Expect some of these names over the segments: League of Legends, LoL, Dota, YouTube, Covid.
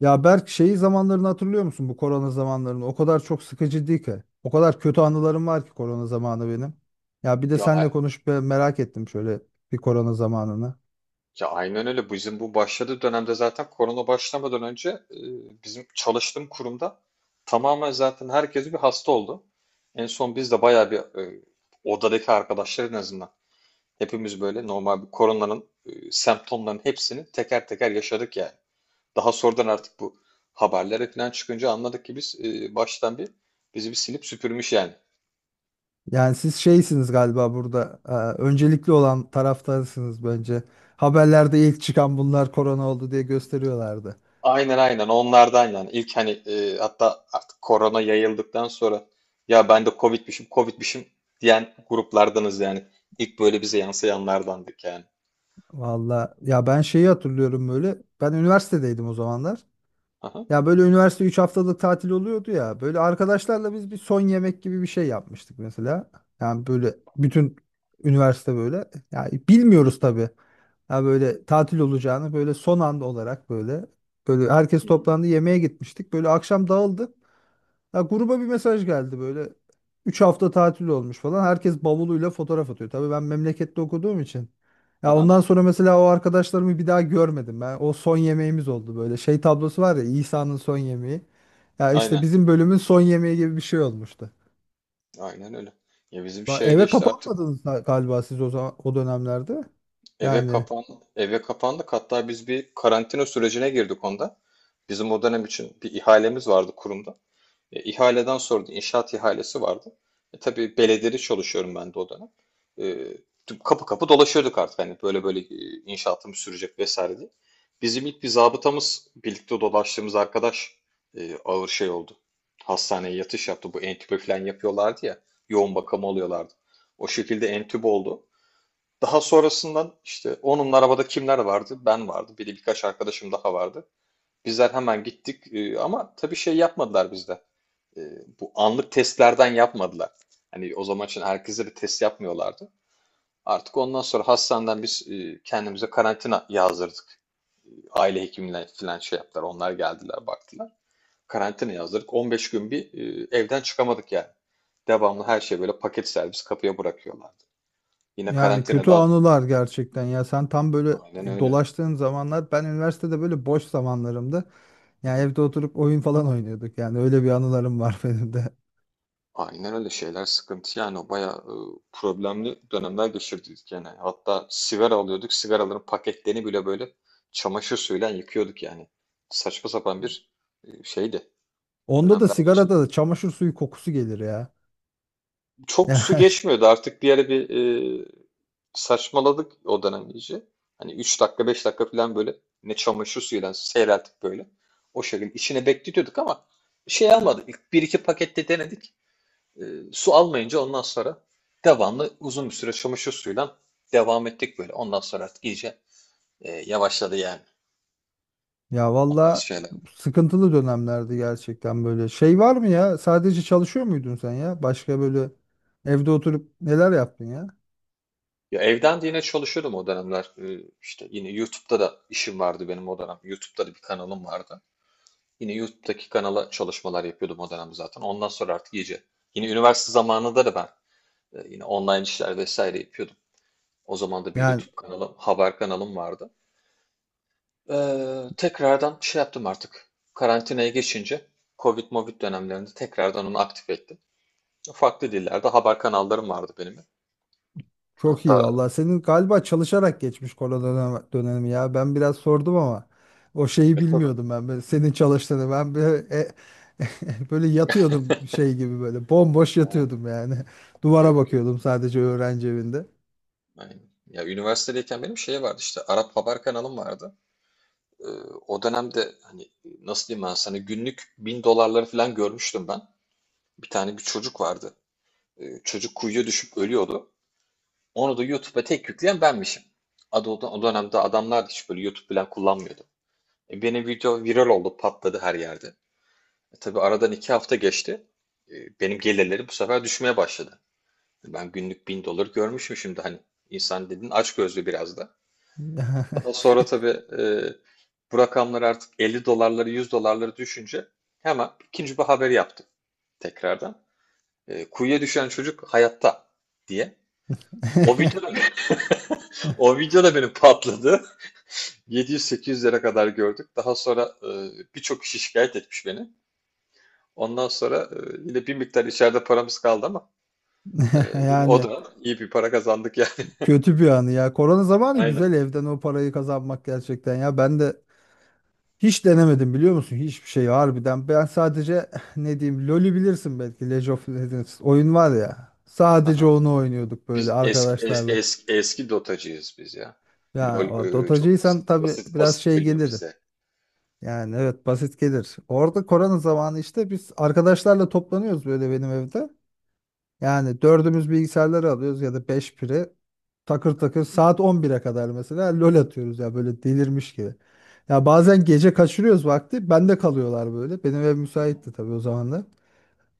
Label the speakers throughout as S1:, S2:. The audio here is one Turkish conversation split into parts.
S1: Ya Berk şeyi zamanlarını hatırlıyor musun bu korona zamanlarını? O kadar çok sıkıcı değil ki. O kadar kötü anılarım var ki korona zamanı benim. Ya bir de
S2: Ya,
S1: seninle
S2: a-
S1: konuşup ben merak ettim şöyle bir korona zamanını.
S2: ya, aynen öyle. Bizim bu başladığı dönemde zaten korona başlamadan önce bizim çalıştığım kurumda tamamen zaten herkes bir hasta oldu. En son biz de bayağı bir odadaki arkadaşlar en azından hepimiz böyle normal bir koronanın semptomlarının hepsini teker teker yaşadık yani. Daha sonradan artık bu haberlere falan çıkınca anladık ki biz baştan bir bizi bir silip süpürmüş yani.
S1: Yani siz şeysiniz galiba burada öncelikli olan taraftarsınız bence. Haberlerde ilk çıkan bunlar korona oldu diye gösteriyorlardı.
S2: Aynen aynen onlardan yani ilk hani hatta artık korona yayıldıktan sonra ya ben de Covid'mişim Covid'mişim diyen gruplardanız yani. İlk böyle bize yansıyanlardandık yani.
S1: Valla ya ben şeyi hatırlıyorum böyle. Ben üniversitedeydim o zamanlar.
S2: Aha.
S1: Ya böyle üniversite 3 haftalık tatil oluyordu ya. Böyle arkadaşlarla biz bir son yemek gibi bir şey yapmıştık mesela. Yani böyle bütün üniversite böyle. Yani bilmiyoruz tabii. Ya böyle tatil olacağını böyle son anda olarak böyle herkes
S2: Hı hı.
S1: toplandı yemeğe gitmiştik. Böyle akşam dağıldık. Ya gruba bir mesaj geldi böyle. Üç hafta tatil olmuş falan. Herkes bavuluyla fotoğraf atıyor. Tabii ben memlekette okuduğum için. Ya
S2: Aha.
S1: ondan sonra mesela o arkadaşlarımı bir daha görmedim ben. O son yemeğimiz oldu böyle. Şey tablosu var ya, İsa'nın son yemeği. Ya işte
S2: Aynen.
S1: bizim bölümün son yemeği gibi bir şey olmuştu.
S2: Aynen öyle. Ya bizim şeyde
S1: Eve
S2: işte artık
S1: kapanmadınız galiba siz o zaman o dönemlerde.
S2: eve
S1: Yani
S2: kapan eve kapandık. Hatta biz bir karantina sürecine girdik onda. Bizim o dönem için bir ihalemiz vardı kurumda. İhaleden sordu. İnşaat ihalesi vardı. Tabii belediyede çalışıyorum ben de o dönem. E, Kapı kapı dolaşıyorduk artık hani böyle böyle inşaatım sürecek vesaire diye. Bizim ilk bir zabıtamız birlikte dolaştığımız arkadaş ağır şey oldu. Hastaneye yatış yaptı. Bu entübe falan yapıyorlardı ya. Yoğun bakım oluyorlardı. O şekilde entübe oldu. Daha sonrasından işte onun arabada kimler vardı? Ben vardı. Bir de birkaç arkadaşım daha vardı. Bizler hemen gittik ama tabii şey yapmadılar bizde e, bu anlık testlerden yapmadılar. Hani o zaman için herkese bir test yapmıyorlardı. Artık ondan sonra hastaneden biz kendimize karantina yazdırdık. Aile hekimine falan şey yaptılar. Onlar geldiler baktılar. Karantina yazdırdık. 15 gün bir evden çıkamadık yani. Devamlı her şey böyle paket servis kapıya bırakıyorlardı. Yine
S1: yani kötü
S2: karantinadan.
S1: anılar gerçekten ya, sen tam böyle
S2: Aynen öyle.
S1: dolaştığın zamanlar ben üniversitede böyle boş zamanlarımda.
S2: Hı
S1: Yani
S2: hı.
S1: evde oturup oyun falan oynuyorduk yani, öyle bir anılarım var benim de.
S2: Aynen öyle şeyler sıkıntı yani o bayağı problemli dönemler geçirdik yani. Hatta sigara alıyorduk. Sigaraların paketlerini bile böyle çamaşır suyuyla yıkıyorduk yani. Saçma sapan bir şeydi.
S1: Onda da
S2: Dönemler geçirdik.
S1: sigarada da çamaşır suyu kokusu gelir ya.
S2: Çok
S1: Yani
S2: su geçmiyordu artık bir ara bir e, saçmaladık o dönem iyice. Hani 3 dakika 5 dakika falan böyle ne çamaşır suyuyla seyreltip böyle. O şekilde içine bekletiyorduk ama şey almadık. Bir iki pakette denedik. E, Su almayınca ondan sonra devamlı uzun bir süre çamaşır suyuyla devam ettik böyle. Ondan sonra artık iyice yavaşladı yani
S1: ya
S2: o tarz
S1: valla
S2: şeyler.
S1: sıkıntılı dönemlerdi gerçekten böyle. Şey var mı ya, sadece çalışıyor muydun sen ya? Başka böyle evde oturup neler yaptın ya?
S2: Ya evden de yine çalışıyordum o dönemler. İşte yine YouTube'da da işim vardı benim o dönem. YouTube'da da bir kanalım vardı. Yine YouTube'daki kanala çalışmalar yapıyordum o dönem zaten. Ondan sonra artık iyice. Yine üniversite zamanında da ben yine online işler vesaire yapıyordum. O zaman da bir
S1: Yani
S2: YouTube kanalım, haber kanalım vardı. Tekrardan şey yaptım artık. Karantinaya geçince Covid Movid dönemlerinde tekrardan onu aktif ettim. Farklı dillerde haber kanallarım vardı benim.
S1: çok
S2: Hatta
S1: iyi valla. Senin galiba çalışarak geçmiş korona dönemi ya. Ben biraz sordum ama o şeyi
S2: tabii.
S1: bilmiyordum ben. Böyle senin çalıştığını ben böyle böyle yatıyordum şey gibi böyle bomboş
S2: Ha,
S1: yatıyordum yani. Duvara
S2: yok yok.
S1: bakıyordum sadece öğrenci evinde.
S2: Aynen. Ya üniversitedeyken benim şey vardı işte Arap haber kanalım vardı. Ee, O dönemde hani nasıl diyeyim ben sana günlük 1.000 dolarları falan görmüştüm ben. Bir tane bir çocuk vardı. Çocuk kuyuya düşüp ölüyordu. Onu da YouTube'a tek yükleyen benmişim. Adı, o dönemde adamlar hiç böyle YouTube falan kullanmıyordu. Benim video viral oldu, patladı her yerde. Tabii aradan 2 hafta geçti. E, Benim gelirlerim bu sefer düşmeye başladı. Ben günlük 1.000 dolar görmüşüm şimdi hani. İnsan dedin açgözlü biraz da. Daha sonra tabii bu rakamlar artık 50 dolarları 100 dolarları düşünce hemen ikinci bir haber yaptım tekrardan. Kuyuya düşen çocuk hayatta diye. O video da, o video da benim patladı. 700-800 lira kadar gördük. Daha sonra birçok kişi şikayet etmiş beni. Ondan sonra yine bir miktar içeride paramız kaldı ama e, yine o
S1: Yani
S2: da iyi bir para kazandık yani.
S1: kötü bir anı ya. Korona zamanı
S2: Aynen.
S1: güzel, evden o parayı kazanmak gerçekten ya. Ben de hiç denemedim, biliyor musun? Hiçbir şey harbiden. Ben sadece ne diyeyim, LoL'ü bilirsin belki. League of Legends oyun var ya. Sadece
S2: Aha.
S1: onu oynuyorduk
S2: Biz
S1: böyle arkadaşlarla.
S2: eski dotacıyız biz ya.
S1: Ya
S2: LoL
S1: o
S2: çok
S1: Dotacıysan
S2: basit
S1: tabii
S2: basit
S1: biraz
S2: basit
S1: şey
S2: geliyor
S1: gelir.
S2: bize.
S1: Yani evet, basit gelir. Orada korona zamanı işte biz arkadaşlarla toplanıyoruz böyle benim evde. Yani dördümüz bilgisayarları alıyoruz ya da beş biri, takır takır
S2: Hı hı,
S1: saat 11'e kadar mesela lol atıyoruz ya, böyle delirmiş gibi. Ya bazen gece kaçırıyoruz vakti, bende kalıyorlar böyle. Benim ev
S2: hı
S1: müsaitti tabii o zaman.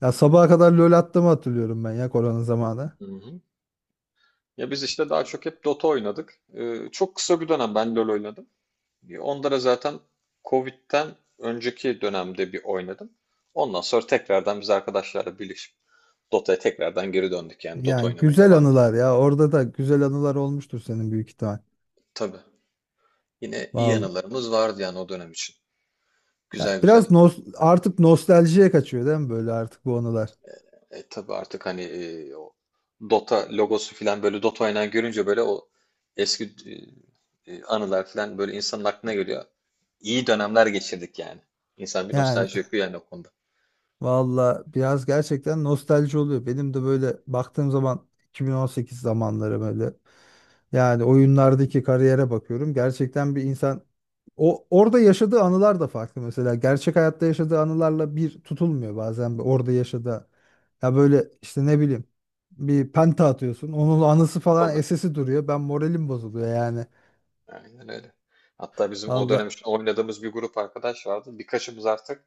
S1: Ya
S2: hı,
S1: sabaha kadar lol attığımı hatırlıyorum ben ya, korona zamanı.
S2: hı hı. Ya biz işte daha çok hep Dota oynadık. Çok kısa bir dönem ben LoL oynadım. Onda da zaten Covid'den önceki dönemde bir oynadım. Ondan sonra tekrardan biz arkadaşlarla birleşip Dota'ya tekrardan geri döndük yani Dota
S1: Yani
S2: oynamaya
S1: güzel
S2: devam ettik.
S1: anılar ya, orada da güzel anılar olmuştur senin büyük ihtimal.
S2: Tabii. Yine iyi
S1: Vallahi.
S2: anılarımız vardı yani o dönem için.
S1: Ya
S2: Güzel güzel.
S1: biraz artık nostaljiye kaçıyor değil mi böyle artık bu anılar?
S2: Tabii artık hani o Dota logosu falan böyle Dota oynayan görünce böyle o eski anılar falan böyle insanın aklına geliyor. İyi dönemler geçirdik yani. İnsan bir
S1: Yani
S2: nostalji yapıyor yani o konuda.
S1: valla biraz gerçekten nostalji oluyor. Benim de böyle baktığım zaman 2018 zamanları böyle, yani oyunlardaki kariyere bakıyorum. Gerçekten bir insan o orada yaşadığı anılar da farklı mesela. Gerçek hayatta yaşadığı anılarla bir tutulmuyor bazen bir orada yaşadığı. Ya böyle işte ne bileyim, bir penta atıyorsun. Onun anısı falan
S2: Tabii.
S1: esesi duruyor. Ben moralim bozuluyor yani.
S2: Aynen öyle. Hatta bizim o
S1: Valla
S2: dönem için oynadığımız bir grup arkadaş vardı. Birkaçımız artık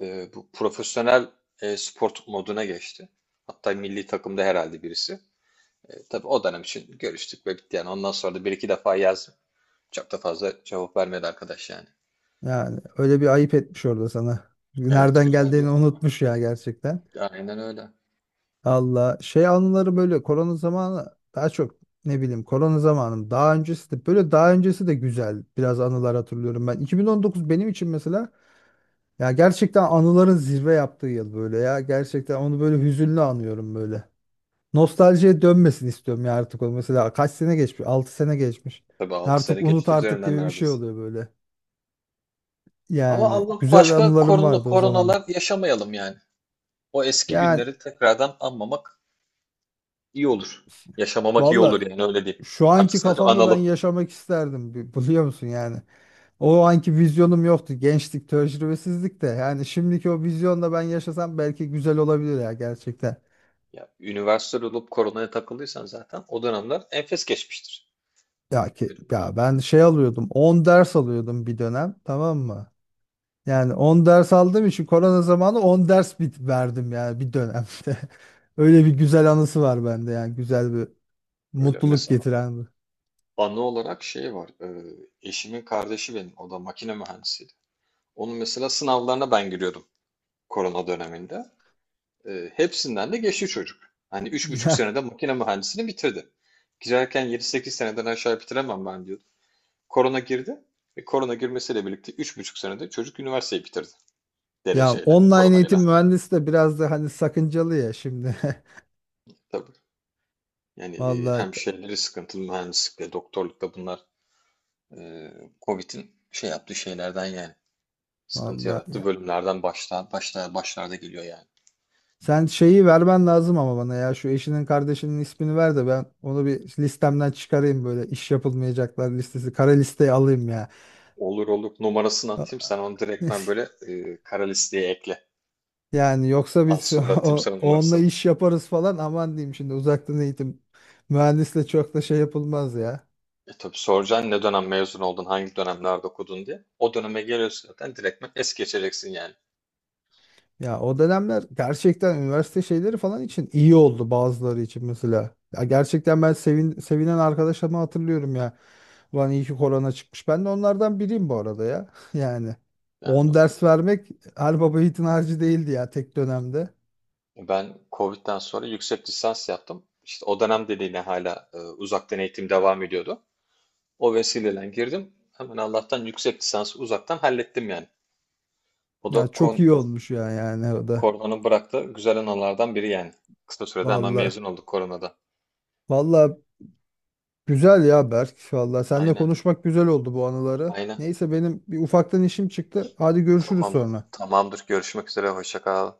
S2: bu profesyonel spor moduna geçti. Hatta milli takımda herhalde birisi. Tabii o dönem için görüştük ve bitti yani. Ondan sonra da bir iki defa yazdım. Çok da fazla cevap vermedi arkadaş yani.
S1: yani öyle bir ayıp etmiş orada sana.
S2: Evet,
S1: Nereden
S2: güzel bir.
S1: geldiğini unutmuş ya gerçekten.
S2: Aynen öyle.
S1: Allah şey anıları böyle, korona zamanı daha çok ne bileyim, korona zamanım daha öncesi de böyle, daha öncesi de güzel biraz anılar hatırlıyorum ben. 2019 benim için mesela ya gerçekten anıların zirve yaptığı yıl böyle, ya gerçekten onu böyle hüzünlü anıyorum böyle. Nostaljiye dönmesin istiyorum ya artık o, mesela kaç sene geçmiş, 6 sene geçmiş
S2: Tabii 6 sene
S1: artık, unut
S2: geçti
S1: artık
S2: üzerinden
S1: gibi bir şey
S2: neredeyse.
S1: oluyor böyle.
S2: Ama
S1: Yani
S2: Allah
S1: güzel
S2: başka
S1: anılarım
S2: korona,
S1: vardı o zaman
S2: koronalar yaşamayalım yani. O eski
S1: yani.
S2: günleri tekrardan anmamak iyi olur. Yaşamamak iyi
S1: Valla,
S2: olur yani öyle diyeyim.
S1: şu
S2: Artık
S1: anki
S2: sadece
S1: kafamda ben
S2: analım.
S1: yaşamak isterdim, biliyor musun yani. O anki vizyonum yoktu. Gençlik, tecrübesizlik de. Yani şimdiki o vizyonla ben yaşasam belki güzel olabilir ya gerçekten.
S2: Ya, üniversite olup koronaya takıldıysan zaten o dönemler enfes geçmiştir.
S1: Ya ki
S2: Yani
S1: ya ben şey alıyordum. 10 ders alıyordum bir dönem, tamam mı? Yani 10 ders aldığım için korona zamanı 10 ders bit verdim yani bir dönemde. Öyle bir güzel anısı var bende, yani güzel bir
S2: öyle
S1: mutluluk
S2: mesela
S1: getiren bir.
S2: anı olarak şey var. Eşimin kardeşi benim. O da makine mühendisiydi. Onun mesela sınavlarına ben giriyordum korona döneminde. Hepsinden de geçti çocuk. Hani üç buçuk
S1: Ya,
S2: senede makine mühendisliğini bitirdi. Girerken 7 sekiz seneden aşağı bitiremem ben diyordu. Korona girdi. Ve korona girmesiyle birlikte 3,5 senede çocuk üniversiteyi bitirdi.
S1: ya
S2: Dereceyle,
S1: online eğitim
S2: koronayla.
S1: mühendisi de biraz da hani sakıncalı ya şimdi.
S2: Tabii. Yani
S1: Vallahi.
S2: hem şeyleri sıkıntılı mühendislikle, doktorlukla bunlar e, Covid'in şey yaptığı şeylerden yani. Sıkıntı
S1: Vallahi
S2: yarattı.
S1: ya.
S2: Bölümlerden başlarda geliyor yani.
S1: Sen şeyi vermen lazım ama bana ya, şu eşinin kardeşinin ismini ver de ben onu bir listemden çıkarayım böyle, iş yapılmayacaklar listesi, kara listeye alayım ya.
S2: Olur olur. Numarasını atayım. Sen onu direktmen böyle kara listeye ekle.
S1: Yani yoksa
S2: Az
S1: biz
S2: sonra atayım sana
S1: onunla
S2: numarasını.
S1: iş yaparız falan, aman diyeyim, şimdi uzaktan eğitim mühendisle çok da şey yapılmaz ya.
S2: Tabii soracaksın ne dönem mezun oldun, hangi dönemlerde okudun diye. O döneme geliyorsun zaten direktmen es geçeceksin yani.
S1: Ya o dönemler gerçekten üniversite şeyleri falan için iyi oldu bazıları için mesela. Ya gerçekten ben sevinen arkadaşlarımı hatırlıyorum ya. Ulan iyi ki korona çıkmış. Ben de onlardan biriyim bu arada ya. Yani
S2: Yani
S1: 10
S2: doğru.
S1: ders vermek her baba yiğidin harcı değildi ya tek dönemde.
S2: Ben Covid'den sonra yüksek lisans yaptım. İşte o dönem dediğine hala uzaktan eğitim devam ediyordu. O vesileyle girdim. Hemen Allah'tan yüksek lisansı uzaktan hallettim yani. O da
S1: Ya çok iyi olmuş ya, yani o da.
S2: koronanın bıraktığı güzel anılardan biri yani. Kısa sürede hemen
S1: Valla.
S2: mezun olduk koronada.
S1: Valla güzel ya Berk. Valla seninle
S2: Aynen,
S1: konuşmak güzel oldu bu anıları.
S2: aynen.
S1: Neyse benim bir ufaktan işim çıktı. Hadi görüşürüz
S2: Tamam,
S1: sonra.
S2: tamamdır. Görüşmek üzere. Hoşça kal.